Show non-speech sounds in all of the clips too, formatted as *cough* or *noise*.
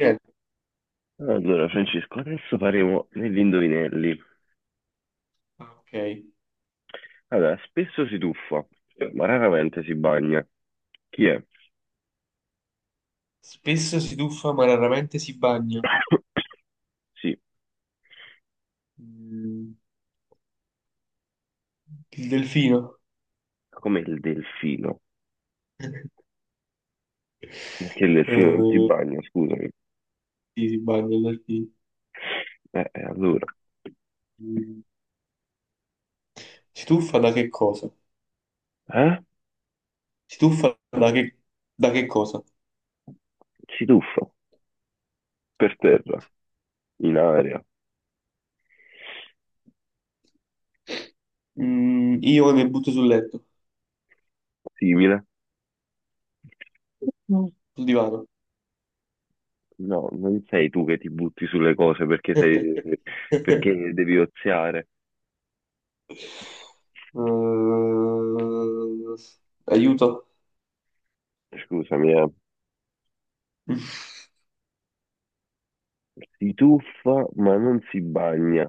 Ah, Allora, Francesco, adesso faremo degli indovinelli. Ok. Allora, spesso si tuffa, ma raramente si bagna. Chi è? Spesso si tuffa ma raramente si bagna. Sì, Mm, Il delfino? come il delfino. Perché il delfino non si Eh, bagna, scusami. sì, si bagna il delfino. Allora, Mm, Si tuffa da che cosa? eh? Si tuffa da che cosa? Si tuffa, per terra, in aria, Io mi butto sul letto, simile. Mm. sul divano. No, non sei tu che ti butti sulle cose perché sei, *laughs* Eh, perché devi oziare. aiuto. Scusami, eh. Eh, Si tuffa, ma non si bagna.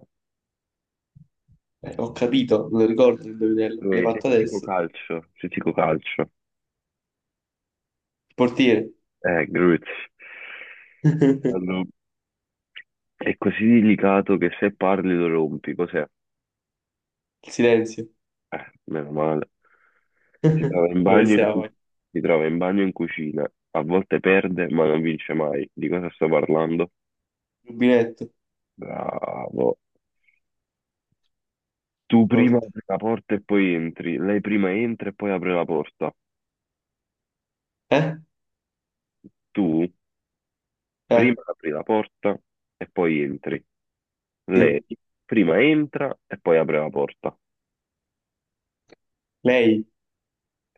ho capito, non ricordo il indovinello, me l'hai fatto adesso. Il Se ti dico calcio. portiere. Grazie. *laughs* Allora, è così delicato che se parli lo rompi, cos'è? Il silenzio. Meno male. Si *laughs* trova in Dove bagno sei? in Vai? cu- Il si trova in bagno in cucina, a volte perde ma non vince mai. Di cosa sto parlando? rubinetto. Bravo. Tu prima Porta. apri la porta e poi entri, lei prima entra e poi apre la porta. Eh? Tu Eh, prima apri la porta e poi entri. Lei sì, prima entra e poi apre la porta. lei,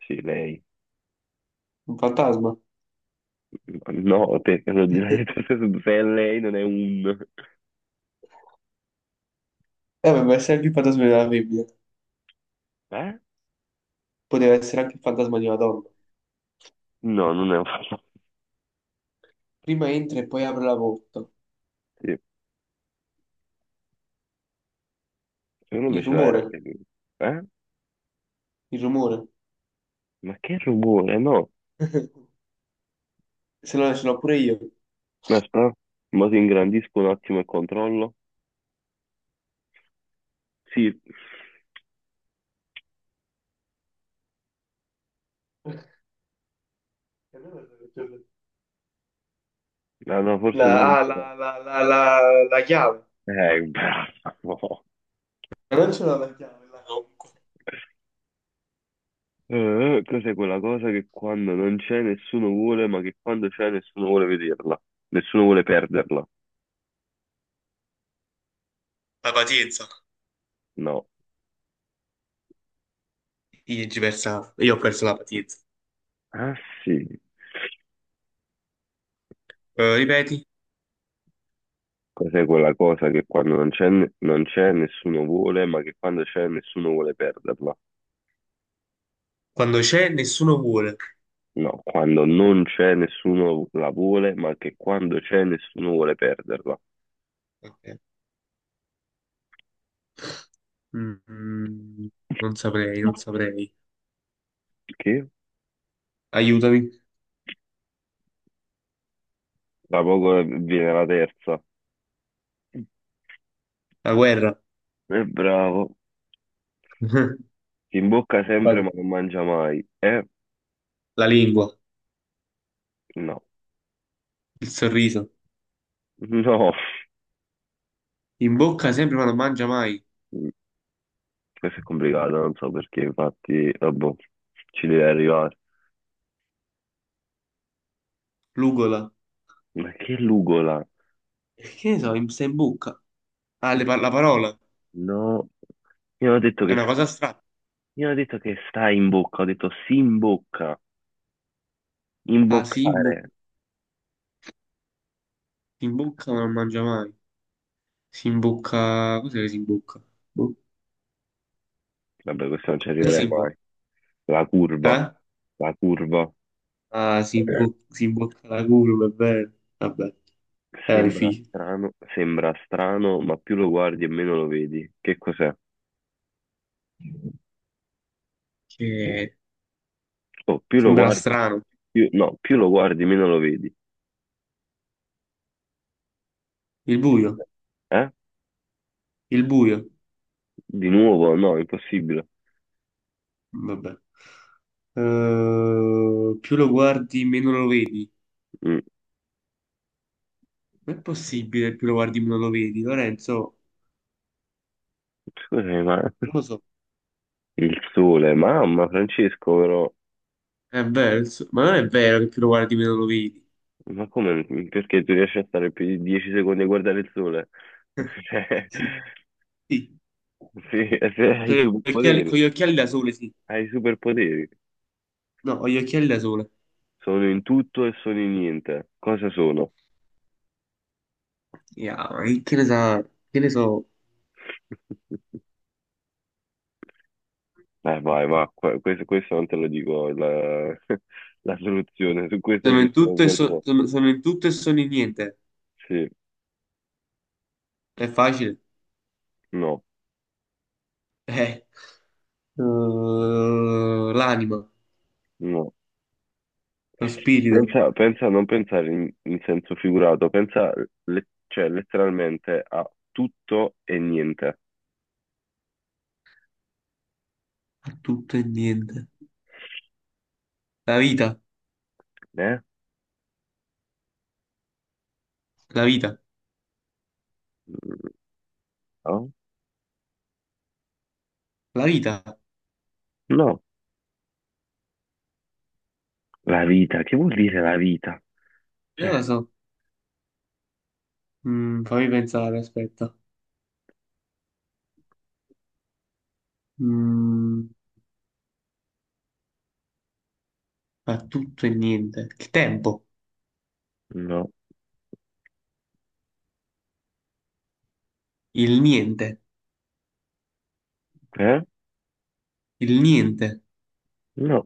Sì, lei. un fantasma. No, te lo direi, *laughs* se è lei non è un... Ma essere anche il fantasma della femmina. Eh? Poteva essere anche il fantasma di una donna. No, non è un fastidio. Prima entra e poi apre la porta. Secondo me Il ce l'hai rumore, anche lui. Eh? il rumore. Ma che rumore, no. *laughs* Se no, ce l'ho pure io. Aspetta, ma ti ingrandisco un attimo e controllo. Sì, ah, no, forse tu La, non ah, ce l'hai. la, la, la, la, la chiave. Bravo. Ma non ce l'ho la chiave, la, comunque. Cos'è quella cosa che quando non c'è nessuno vuole, ma che quando c'è nessuno vuole vederla? Nessuno vuole perderla? La pazienza. No. Io ho perso la pazienza. Ah sì, Ripeti, cos'è quella cosa che quando non c'è nessuno vuole, ma che quando c'è nessuno vuole perderla? quando c'è nessuno vuole. No, quando non c'è nessuno la vuole, ma che quando c'è nessuno vuole perderla. Ok. Mm, mm, non saprei, non saprei. Che Aiutami. da poco viene la terza. La guerra. È bravo, *laughs* si imbocca sempre ma non mangia mai. Eh? La lingua, No, il sorriso. *laughs* no, In bocca sempre ma non mangia mai. questo è complicato, non so perché, infatti, vabbè, ci deve arrivare. L'ugola. Ma che lugola? E che ne so, sta in bocca. Ah, la parola. No, io ho detto È che una sta, cosa strana. io ho detto che sta in bocca, ho detto si imbocca, Ah, si in bocca. imboccare. Si imbocca ma non mangia mai. Si imbocca. Cos'è che si imbocca? Boh. Vabbè, questo non ci Cosa si arriverei imbocca? mai. La curva, Eh? la curva. Ah, si, si imbocca la curva, è vero. Vabbè, è difficile. Sembra strano, ma più lo guardi e meno lo vedi. Che cos'è? Che Oh, più lo Sembra guardi, strano. più, no, più lo guardi, meno lo vedi. Il buio. Eh? Il buio. Di nuovo? No, impossibile. Vabbè. Più lo guardi, meno lo vedi. Mm, Non è possibile che più lo guardi meno lo vedi, Lorenzo. scusami, ma Non lo so. il sole, mamma, Francesco, però, È vero, ma non è vero che più lo guardi meno lo vedi. ma come, perché tu riesci a stare più di 10 secondi a guardare il sole? *laughs* *laughs* Cioè, Sì, sì. sì, se hai i superpoteri, Con gli occhiali da sole, sì. hai i superpoteri. No, con gli occhiali da sole. Sono in tutto e sono in niente. Cosa sono? Yeah, ma che ne sa, che ne so. *laughs* Vai, ma questo, questo non te lo dico la, *laughs* la soluzione, su questa Sono c'è in stato un tutto e, bel so- po'. sono, sono in tutto e sono in niente. Sì, È facile. no, Eh. L'anima, no. lo spirito, Non pensare in senso figurato, pensa cioè, letteralmente a tutto e niente. è tutto e niente. La vita, Eh? la vita, No? la vita. No, la vita, che vuol dire la vita? Non Cioè, lo so. Fammi pensare, aspetta. Mm, fa tutto e niente. Il tempo, no, il niente, eh? il niente. No,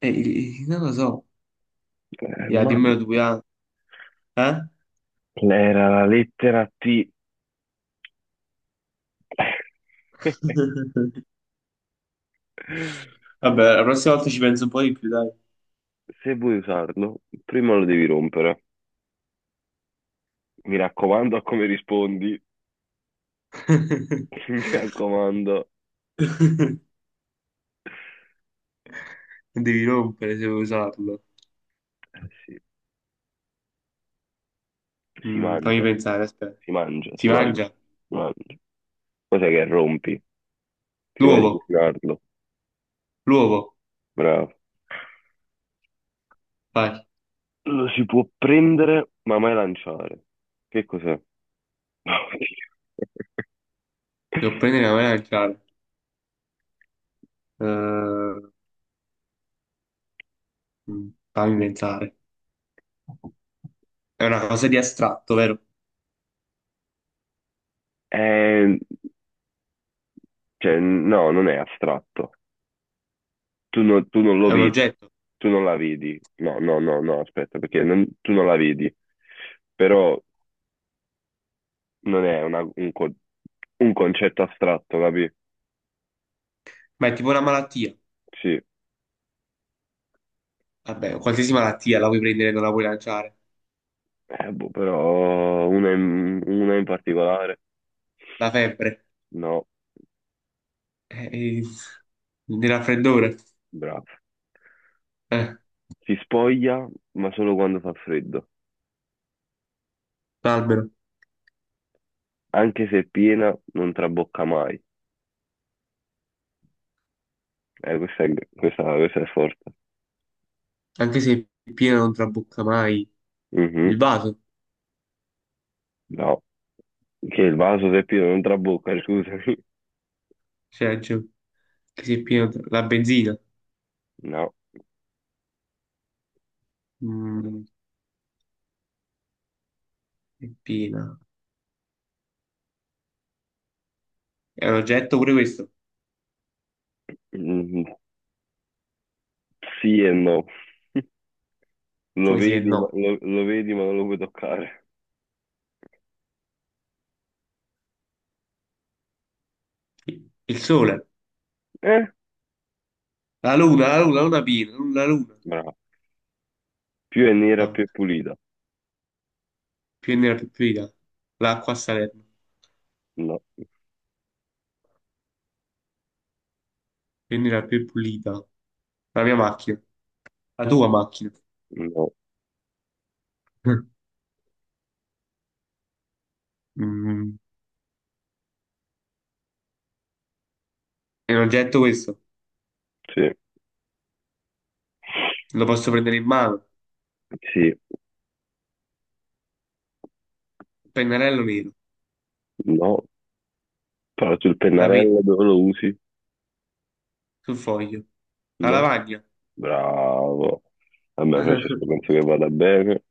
Non lo so. è Ya, dimmelo male. tu, ya. Eh? Era la lettera T. *laughs* *laughs* Vabbè, la prossima volta ci penso un po' di più, dai. Se vuoi usarlo, prima lo devi rompere. Mi raccomando a come rispondi, *laughs* mi *laughs* raccomando. Devi rompere se vuoi usarlo. Sì, si Fammi mangia, pensare, aspetta. si mangia, Si si mangia, mangia? si mangia. Cos'è che rompi prima di L'uovo, cucinarlo? l'uovo. Bravo. Vai, Lo si può prendere ma mai lanciare. Che cos'è? *laughs* devo prendere la mangiare. Eh, fammi pensare. È una cosa di astratto, vero? Eh, cioè, no, non è astratto. Tu non lo È un vedi, oggetto, tu non la vedi. No, no, no, no, aspetta, perché non- tu non la vedi. Però non è un concetto astratto, capi? ma è tipo una malattia. Sì, Vabbè, qualsiasi malattia la puoi prendere e non la puoi lanciare. eh, boh, però una in particolare, La febbre, no, eh, il il raffreddore, bravo. eh, Si spoglia, ma solo quando fa freddo. l'albero. Anche se è piena, non trabocca mai. Questa è forte. Anche se è pieno non trabocca mai. Il Mhm, vaso, no, che il vaso se è pieno non trabocca, scusami. cioè, cioè, anche se è pieno, la benzina, No. mm, è piena. È un oggetto pure questo? Mhm, sì e no, Come si è? No. Lo vedi, ma non lo puoi toccare. Il sole, Eh? la luna, la luna, la luna piena, la luna. La luna. Bravo. Più è nera, più è Porca. pulita. Più è nera più è pulita. L'acqua a Salerno, No, più è nera più è pulita. La mia macchina, la tua macchina. no, *laughs* Mm. È un oggetto questo, sì, lo posso prendere in mano, sì, il pennarello nero, no. Però sul la pennarello penna dove lo usi? sul foglio, la No? lavagna. Bravo. A me Francesco *laughs* penso che vada bene.